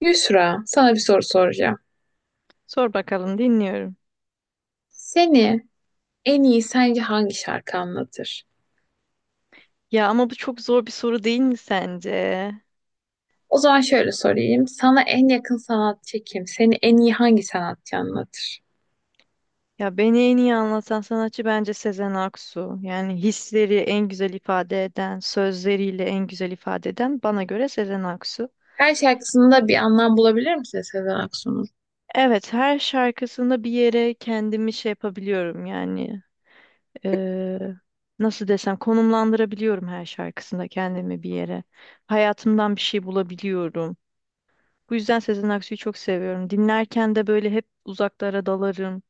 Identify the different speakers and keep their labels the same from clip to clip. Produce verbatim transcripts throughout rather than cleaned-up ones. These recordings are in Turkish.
Speaker 1: Yusra, sana bir soru soracağım.
Speaker 2: Sor bakalım, dinliyorum.
Speaker 1: Seni en iyi sence hangi şarkı anlatır?
Speaker 2: Ya ama bu çok zor bir soru değil mi sence?
Speaker 1: O zaman şöyle sorayım. Sana en yakın sanatçı kim? Seni en iyi hangi sanatçı anlatır?
Speaker 2: Ya beni en iyi anlatan sanatçı bence Sezen Aksu. Yani hisleri en güzel ifade eden, sözleriyle en güzel ifade eden bana göre Sezen Aksu.
Speaker 1: Her şarkısında bir anlam bulabilir misin Sezen Aksu'nun?
Speaker 2: Evet, her şarkısında bir yere kendimi şey yapabiliyorum yani. eee, nasıl desem konumlandırabiliyorum her şarkısında kendimi bir yere. Hayatımdan bir şey bulabiliyorum. Bu yüzden Sezen Aksu'yu çok seviyorum. Dinlerken de böyle hep uzaklara dalarım,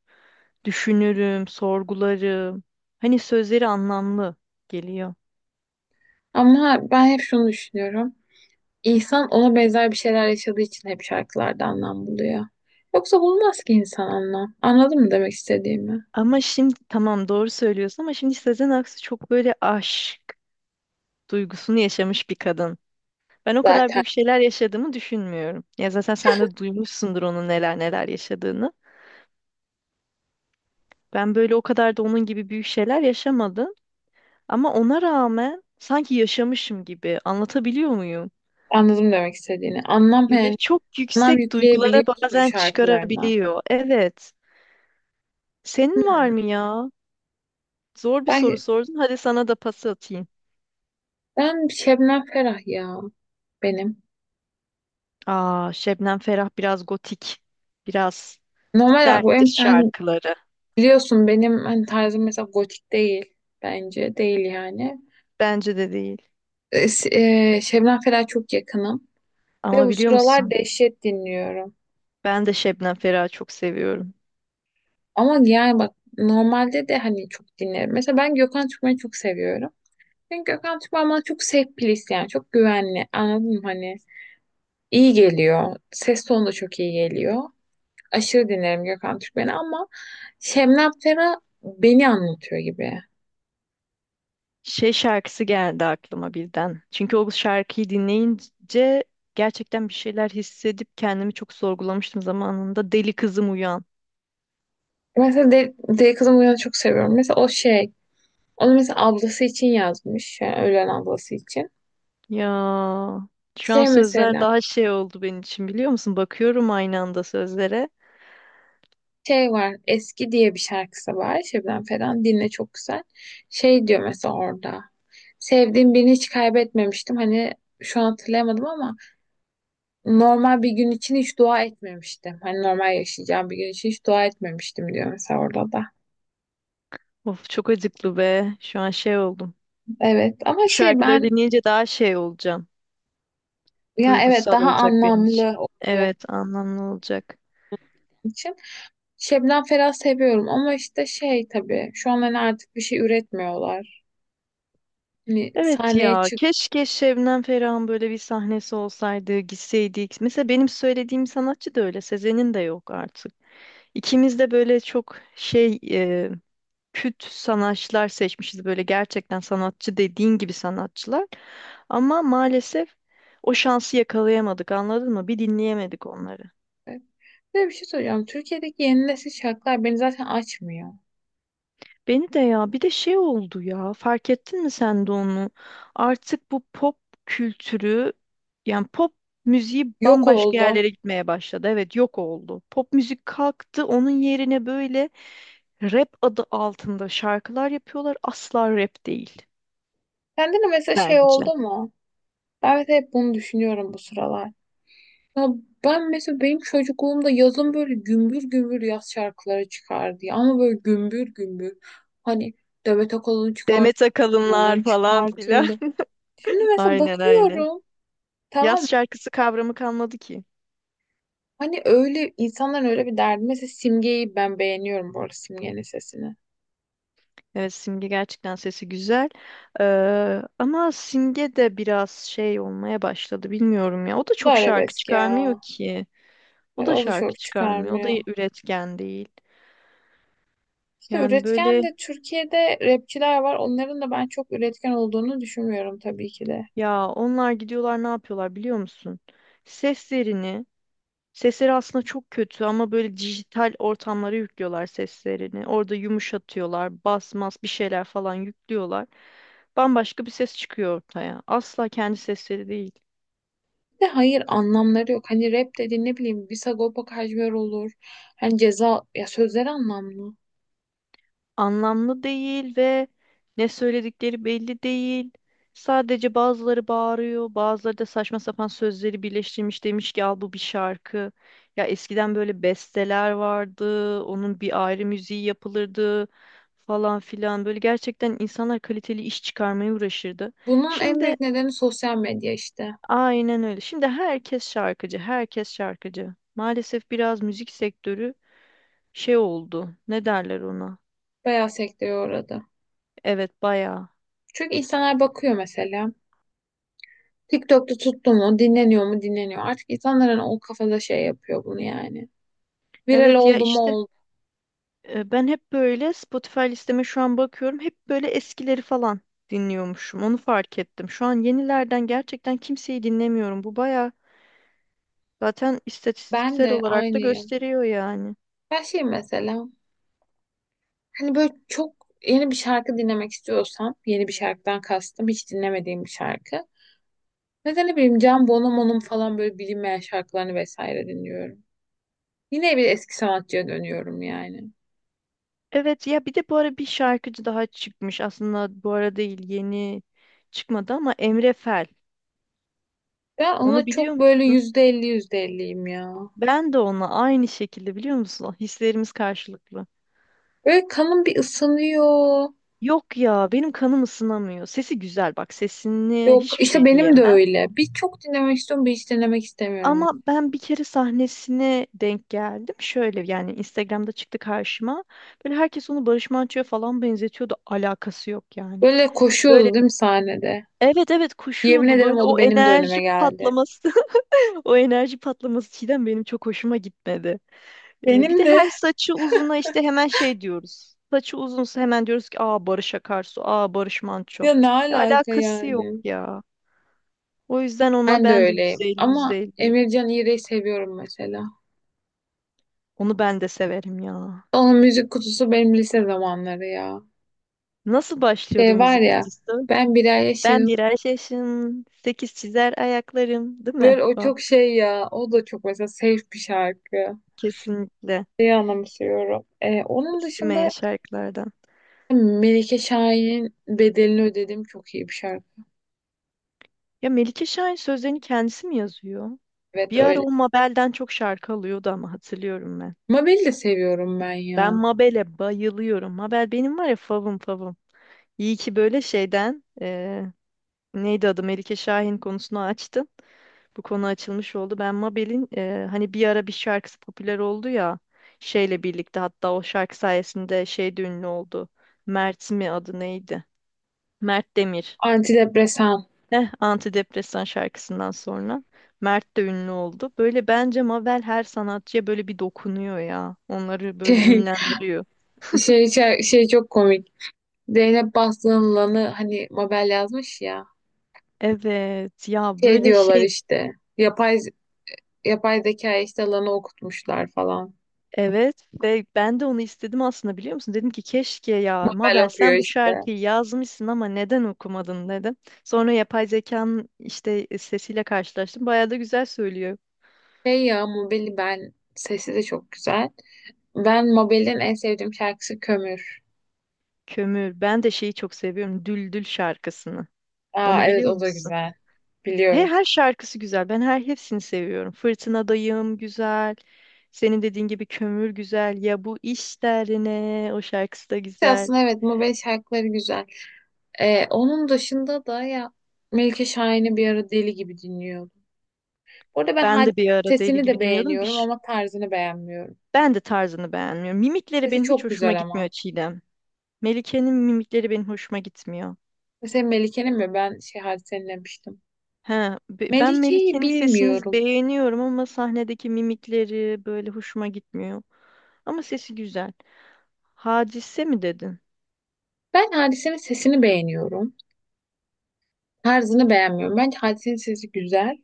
Speaker 2: düşünürüm, sorgularım. Hani sözleri anlamlı geliyor.
Speaker 1: Ama ben hep şunu düşünüyorum. İnsan ona benzer bir şeyler yaşadığı için hep şarkılarda anlam buluyor. Yoksa bulmaz ki insan anlam. Anladın mı demek istediğimi?
Speaker 2: Ama şimdi tamam doğru söylüyorsun, ama şimdi Sezen Aksu çok böyle aşk duygusunu yaşamış bir kadın. Ben o kadar
Speaker 1: Zaten
Speaker 2: büyük şeyler yaşadığımı düşünmüyorum. Ya zaten sen de duymuşsundur onun neler neler yaşadığını. Ben böyle o kadar da onun gibi büyük şeyler yaşamadım. Ama ona rağmen sanki yaşamışım gibi anlatabiliyor muyum?
Speaker 1: anladım demek istediğini. Anlam
Speaker 2: Ya böyle
Speaker 1: yani
Speaker 2: çok
Speaker 1: anlam
Speaker 2: yüksek duygulara
Speaker 1: yükleyebiliyorsun
Speaker 2: bazen
Speaker 1: şarkılarına.
Speaker 2: çıkarabiliyor. Evet. Senin var
Speaker 1: Hmm.
Speaker 2: mı ya? Zor bir
Speaker 1: Ben
Speaker 2: soru sordun. Hadi sana da pas atayım.
Speaker 1: Ben Şebnem Ferah ya benim.
Speaker 2: Aa, Şebnem Ferah biraz gotik. Biraz
Speaker 1: Normal olarak bu
Speaker 2: serttir
Speaker 1: benim hani
Speaker 2: şarkıları.
Speaker 1: biliyorsun benim hani tarzım mesela gotik değil bence değil yani.
Speaker 2: Bence de değil.
Speaker 1: E, s- e, Şebnem Ferah çok yakınım ve
Speaker 2: Ama
Speaker 1: bu
Speaker 2: biliyor
Speaker 1: sıralar
Speaker 2: musun?
Speaker 1: dehşet dinliyorum.
Speaker 2: Ben de Şebnem Ferah'ı çok seviyorum.
Speaker 1: Ama yani bak normalde de hani çok dinlerim. Mesela ben Gökhan Türkmen'i çok seviyorum. Çünkü Gökhan Türkmen bana çok safe place, yani çok güvenli, anladın mı hani iyi geliyor. Ses tonu da çok iyi geliyor. Aşırı dinlerim Gökhan Türkmen'i ama Şebnem Ferah beni anlatıyor gibi.
Speaker 2: Şey şarkısı geldi aklıma birden. Çünkü o şarkıyı dinleyince gerçekten bir şeyler hissedip kendimi çok sorgulamıştım zamanında. Deli kızım uyan.
Speaker 1: Mesela de, Deli Kızım Uyan'ı çok seviyorum. Mesela o şey, onu mesela ablası için yazmış. Yani ölen ablası için.
Speaker 2: Ya şu an
Speaker 1: Şey
Speaker 2: sözler
Speaker 1: mesela,
Speaker 2: daha şey oldu benim için, biliyor musun? Bakıyorum aynı anda sözlere.
Speaker 1: şey var, Eski diye bir şarkısı var. Şebnem Ferah'ın dinle çok güzel. Şey diyor mesela orada. Sevdiğim birini hiç kaybetmemiştim. Hani şu an hatırlayamadım ama normal bir gün için hiç dua etmemiştim. Hani normal yaşayacağım bir gün için hiç dua etmemiştim diyor mesela orada da.
Speaker 2: Of çok acıklı be. Şu an şey oldum.
Speaker 1: Evet ama şey ben.
Speaker 2: Şarkıları dinleyince daha şey olacağım.
Speaker 1: Ya evet
Speaker 2: Duygusal
Speaker 1: daha
Speaker 2: olacak benim için.
Speaker 1: anlamlı olacak
Speaker 2: Evet, anlamlı olacak.
Speaker 1: için. Şebnem Ferah seviyorum ama işte şey tabii şu an hani artık bir şey üretmiyorlar. Hani
Speaker 2: Evet
Speaker 1: sahneye
Speaker 2: ya,
Speaker 1: çıktı.
Speaker 2: keşke Şebnem Ferah'ın böyle bir sahnesi olsaydı, gitseydik. Mesela benim söylediğim sanatçı da öyle, Sezen'in de yok artık. İkimiz de böyle çok şey, e, küt sanatçılar seçmişiz. Böyle gerçekten sanatçı dediğin gibi sanatçılar. Ama maalesef o şansı yakalayamadık, anladın mı? Bir dinleyemedik onları.
Speaker 1: Bir de bir şey soracağım. Türkiye'deki yeni nesil şarkılar beni zaten açmıyor.
Speaker 2: Beni de ya, bir de şey oldu ya, fark ettin mi sen de onu? Artık bu pop kültürü, yani pop müziği
Speaker 1: Yok
Speaker 2: bambaşka
Speaker 1: oldu.
Speaker 2: yerlere gitmeye başladı. Evet yok oldu. Pop müzik kalktı, onun yerine böyle rap adı altında şarkılar yapıyorlar. Asla rap değil
Speaker 1: Sende de mesela şey
Speaker 2: bence.
Speaker 1: oldu mu? Ben mesela hep bunu düşünüyorum bu sıralar. Ya ben mesela benim çocukluğumda yazın böyle gümbür gümbür yaz şarkıları çıkardı ya. Ama böyle gümbür gümbür. Hani Demet Akalın çıkarttı.
Speaker 2: Demet Akalınlar
Speaker 1: Yalın
Speaker 2: falan filan.
Speaker 1: çıkartırdı. Şimdi mesela
Speaker 2: Aynen aynen.
Speaker 1: bakıyorum, tamam mı?
Speaker 2: Yaz şarkısı kavramı kalmadı ki.
Speaker 1: Hani öyle insanların öyle bir derdi. Mesela Simge'yi ben beğeniyorum bu arada, Simge'nin sesini.
Speaker 2: Evet, Simge gerçekten sesi güzel. Ee, ama Simge de biraz şey olmaya başladı, bilmiyorum ya. O da
Speaker 1: Bu da
Speaker 2: çok şarkı
Speaker 1: arabesk
Speaker 2: çıkarmıyor
Speaker 1: ya.
Speaker 2: ki. O
Speaker 1: Böyle
Speaker 2: da
Speaker 1: o da
Speaker 2: şarkı
Speaker 1: çok
Speaker 2: çıkarmıyor. O da
Speaker 1: çıkarmıyor.
Speaker 2: üretken değil.
Speaker 1: İşte
Speaker 2: Yani
Speaker 1: üretken
Speaker 2: böyle
Speaker 1: de Türkiye'de rapçiler var. Onların da ben çok üretken olduğunu düşünmüyorum tabii ki de.
Speaker 2: ya, onlar gidiyorlar ne yapıyorlar biliyor musun? Seslerini, sesleri aslında çok kötü ama böyle dijital ortamlara yüklüyorlar seslerini. Orada yumuşatıyorlar, bas mas bir şeyler falan yüklüyorlar. Bambaşka bir ses çıkıyor ortaya. Asla kendi sesleri değil.
Speaker 1: Bir de hayır anlamları yok. Hani rap dediğin ne bileyim bir Sagopa Kajmer olur. Hani ceza ya, sözleri anlamlı.
Speaker 2: Anlamlı değil ve ne söyledikleri belli değil. Sadece bazıları bağırıyor, bazıları da saçma sapan sözleri birleştirmiş, demiş ki al bu bir şarkı. Ya eskiden böyle besteler vardı, onun bir ayrı müziği yapılırdı falan filan. Böyle gerçekten insanlar kaliteli iş çıkarmaya uğraşırdı.
Speaker 1: Bunun en
Speaker 2: Şimdi
Speaker 1: büyük nedeni sosyal medya işte.
Speaker 2: aynen öyle. Şimdi herkes şarkıcı, herkes şarkıcı. Maalesef biraz müzik sektörü şey oldu. Ne derler ona?
Speaker 1: Bayağı sekteye uğradı.
Speaker 2: Evet, bayağı.
Speaker 1: Çünkü insanlar bakıyor mesela. TikTok'ta tuttu mu, dinleniyor mu, dinleniyor. Artık insanların o kafada şey yapıyor bunu yani. Viral
Speaker 2: Evet ya
Speaker 1: oldu mu
Speaker 2: işte.
Speaker 1: oldu.
Speaker 2: E, Ben hep böyle Spotify listeme şu an bakıyorum. Hep böyle eskileri falan dinliyormuşum. Onu fark ettim. Şu an yenilerden gerçekten kimseyi dinlemiyorum. Bu baya, zaten
Speaker 1: Ben
Speaker 2: istatistiksel
Speaker 1: de
Speaker 2: olarak da
Speaker 1: aynıyım.
Speaker 2: gösteriyor yani.
Speaker 1: Ben şey mesela hani böyle çok yeni bir şarkı dinlemek istiyorsam, yeni bir şarkıdan kastım hiç dinlemediğim bir şarkı. Mesela ne bileyim Can Bonomo'nun falan böyle bilinmeyen şarkılarını vesaire dinliyorum. Yine bir eski sanatçıya dönüyorum yani.
Speaker 2: Evet ya, bir de bu ara bir şarkıcı daha çıkmış. Aslında bu ara değil, yeni çıkmadı ama Emre Fel.
Speaker 1: Ben
Speaker 2: Onu
Speaker 1: ona
Speaker 2: biliyor
Speaker 1: çok böyle
Speaker 2: musun?
Speaker 1: yüzde elli yüzde elliyim ya.
Speaker 2: Ben de ona aynı şekilde, biliyor musun? Hislerimiz karşılıklı.
Speaker 1: Böyle kanım bir ısınıyor.
Speaker 2: Yok ya, benim kanım ısınamıyor. Sesi güzel, bak sesini
Speaker 1: Yok
Speaker 2: hiçbir
Speaker 1: işte
Speaker 2: şey
Speaker 1: benim de
Speaker 2: diyemem.
Speaker 1: öyle. Bir çok dinlemek istiyorum, bir hiç dinlemek istemiyorum.
Speaker 2: Ama ben bir kere sahnesine denk geldim. Şöyle yani Instagram'da çıktı karşıma. Böyle herkes onu Barış Manço'ya falan benzetiyordu. Alakası yok yani.
Speaker 1: Böyle
Speaker 2: Böyle
Speaker 1: koşuyordu değil mi sahnede?
Speaker 2: evet evet
Speaker 1: Yemin
Speaker 2: koşuyordu.
Speaker 1: ederim
Speaker 2: Böyle
Speaker 1: o da
Speaker 2: o
Speaker 1: benim de önüme
Speaker 2: enerji
Speaker 1: geldi.
Speaker 2: patlaması. O enerji patlaması Çiğdem benim çok hoşuma gitmedi. Ee, bir
Speaker 1: Benim
Speaker 2: de
Speaker 1: de.
Speaker 2: her saçı uzuna işte hemen şey diyoruz. Saçı uzunsa hemen diyoruz ki aa Barış Akarsu, aa Barış Manço.
Speaker 1: Ya ne
Speaker 2: Ya
Speaker 1: alaka
Speaker 2: alakası yok
Speaker 1: yani?
Speaker 2: ya. O yüzden ona
Speaker 1: Ben de
Speaker 2: ben de yüzde
Speaker 1: öyleyim.
Speaker 2: elli
Speaker 1: Ama
Speaker 2: yüzde %50'yim.
Speaker 1: Emircan İğrek'i seviyorum mesela.
Speaker 2: Onu ben de severim ya.
Speaker 1: Onun müzik kutusu benim lise zamanları ya.
Speaker 2: Nasıl başlıyordu
Speaker 1: Şey var
Speaker 2: müzik
Speaker 1: ya,
Speaker 2: kutusu?
Speaker 1: ben bir ay
Speaker 2: Ben
Speaker 1: yaşım.
Speaker 2: birer yaşım sekiz çizer ayaklarım, değil mi?
Speaker 1: Böyle o
Speaker 2: O
Speaker 1: çok şey ya. O da çok mesela safe bir şarkı.
Speaker 2: kesinlikle
Speaker 1: Şeyi anımsıyorum. Ee, onun
Speaker 2: eskimeyen
Speaker 1: dışında
Speaker 2: şarkılardan.
Speaker 1: Melike Şahin'in bedelini ödedim çok iyi bir şarkı.
Speaker 2: Ya Melike Şahin sözlerini kendisi mi yazıyor?
Speaker 1: Evet
Speaker 2: Bir ara
Speaker 1: öyle.
Speaker 2: o Mabel'den çok şarkı alıyordu ama, hatırlıyorum ben.
Speaker 1: Mabel'i de seviyorum ben
Speaker 2: Ben
Speaker 1: ya.
Speaker 2: Mabel'e bayılıyorum. Mabel benim var ya favım favım. İyi ki böyle şeyden, neydi adı, Melike Şahin konusunu açtın. Bu konu açılmış oldu. Ben Mabel'in e, hani bir ara bir şarkısı popüler oldu ya, şeyle birlikte, hatta o şarkı sayesinde şey de ünlü oldu. Mert mi adı, neydi? Mert Demir.
Speaker 1: Antidepresan.
Speaker 2: Heh, antidepresan şarkısından sonra Mert de ünlü oldu. Böyle bence Mabel her sanatçıya böyle bir dokunuyor ya. Onları böyle
Speaker 1: Şey,
Speaker 2: ünlendiriyor.
Speaker 1: şey, şey, şey çok komik. Zeynep Bastık'ın lanı hani Mabel yazmış ya.
Speaker 2: Evet ya
Speaker 1: Şey
Speaker 2: böyle
Speaker 1: diyorlar
Speaker 2: şey.
Speaker 1: işte. Yapay yapay zeka işte lanı okutmuşlar falan.
Speaker 2: Evet ve ben de onu istedim aslında, biliyor musun? Dedim ki keşke ya
Speaker 1: Mabel
Speaker 2: Mabel
Speaker 1: okuyor
Speaker 2: sen bu
Speaker 1: işte.
Speaker 2: şarkıyı yazmışsın ama neden okumadın dedim. Sonra yapay zekanın işte e, sesiyle karşılaştım. Bayağı da güzel söylüyor.
Speaker 1: Şey ya, Mabel'i ben sesi de çok güzel. Ben Mabel'in en sevdiğim şarkısı Kömür.
Speaker 2: Kömür. Ben de şeyi çok seviyorum. Düldül şarkısını.
Speaker 1: Aa
Speaker 2: Onu
Speaker 1: evet,
Speaker 2: biliyor
Speaker 1: o da
Speaker 2: musun?
Speaker 1: güzel.
Speaker 2: He,
Speaker 1: Biliyorum.
Speaker 2: her şarkısı güzel. Ben her hepsini seviyorum. Fırtınadayım güzel. Senin dediğin gibi kömür güzel. Ya bu iş derine o şarkısı da
Speaker 1: Şey
Speaker 2: güzel.
Speaker 1: aslında evet mobil şarkıları güzel. Ee, onun dışında da ya Melike Şahin'i bir ara deli gibi dinliyordum. Bu arada ben
Speaker 2: Ben
Speaker 1: Hadise'nin
Speaker 2: de bir ara deli
Speaker 1: sesini de
Speaker 2: gibi dinliyordum.
Speaker 1: beğeniyorum
Speaker 2: Bir
Speaker 1: ama tarzını beğenmiyorum.
Speaker 2: Ben de tarzını beğenmiyorum. Mimikleri
Speaker 1: Sesi
Speaker 2: benim hiç
Speaker 1: çok
Speaker 2: hoşuma
Speaker 1: güzel
Speaker 2: gitmiyor
Speaker 1: ama.
Speaker 2: Çiğdem. Melike'nin mimikleri benim hoşuma gitmiyor.
Speaker 1: Mesela Melike'nin mi? Ben şey Hadise'nin demiştim.
Speaker 2: He, be- ben
Speaker 1: Melike'yi
Speaker 2: Melike'nin sesini
Speaker 1: bilmiyorum.
Speaker 2: beğeniyorum ama sahnedeki mimikleri böyle hoşuma gitmiyor. Ama sesi güzel. Hadise mi dedin?
Speaker 1: Ben Hadise'nin sesini beğeniyorum. Tarzını beğenmiyorum. Bence Hadise'nin sesi güzel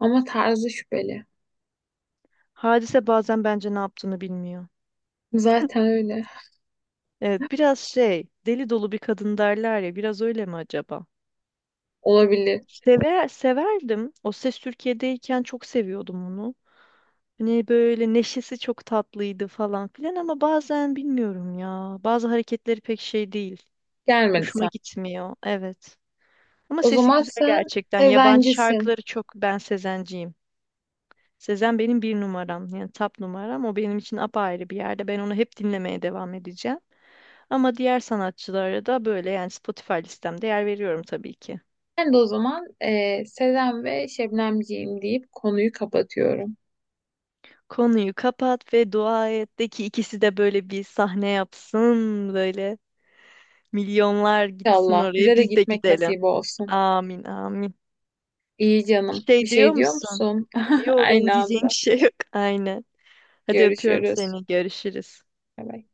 Speaker 1: ama tarzı şüpheli.
Speaker 2: Hadise bazen bence ne yaptığını bilmiyor.
Speaker 1: Zaten öyle.
Speaker 2: Evet, biraz şey, deli dolu bir kadın derler ya, biraz öyle mi acaba?
Speaker 1: Olabilir.
Speaker 2: Sever, severdim. O Ses Türkiye'deyken çok seviyordum onu. Hani böyle neşesi çok tatlıydı falan filan ama bazen bilmiyorum ya. Bazı hareketleri pek şey değil.
Speaker 1: Gelmedi
Speaker 2: Hoşuma
Speaker 1: sen.
Speaker 2: gitmiyor. Evet. Ama
Speaker 1: O
Speaker 2: sesi
Speaker 1: zaman
Speaker 2: güzel
Speaker 1: sen
Speaker 2: gerçekten. Yabancı
Speaker 1: Sezencisin.
Speaker 2: şarkıları çok, ben Sezenciyim. Sezen benim bir numaram. Yani top numaram. O benim için apayrı bir yerde. Ben onu hep dinlemeye devam edeceğim. Ama diğer sanatçılara da böyle, yani Spotify listemde yer veriyorum tabii ki.
Speaker 1: Ben de o zaman eee Sezen ve Şebnemciğim deyip konuyu kapatıyorum.
Speaker 2: Konuyu kapat ve dua et de ki ikisi de böyle bir sahne yapsın, böyle milyonlar gitsin
Speaker 1: İnşallah
Speaker 2: oraya,
Speaker 1: bize de
Speaker 2: biz de
Speaker 1: gitmek
Speaker 2: gidelim.
Speaker 1: nasip olsun.
Speaker 2: Amin amin.
Speaker 1: İyi
Speaker 2: Bir
Speaker 1: canım. Bir
Speaker 2: şey diyor
Speaker 1: şey diyor
Speaker 2: musun?
Speaker 1: musun?
Speaker 2: Yo benim
Speaker 1: Aynı
Speaker 2: diyeceğim bir
Speaker 1: anda.
Speaker 2: şey yok. Aynen. Hadi öpüyorum
Speaker 1: Görüşürüz.
Speaker 2: seni. Görüşürüz.
Speaker 1: Bay bay.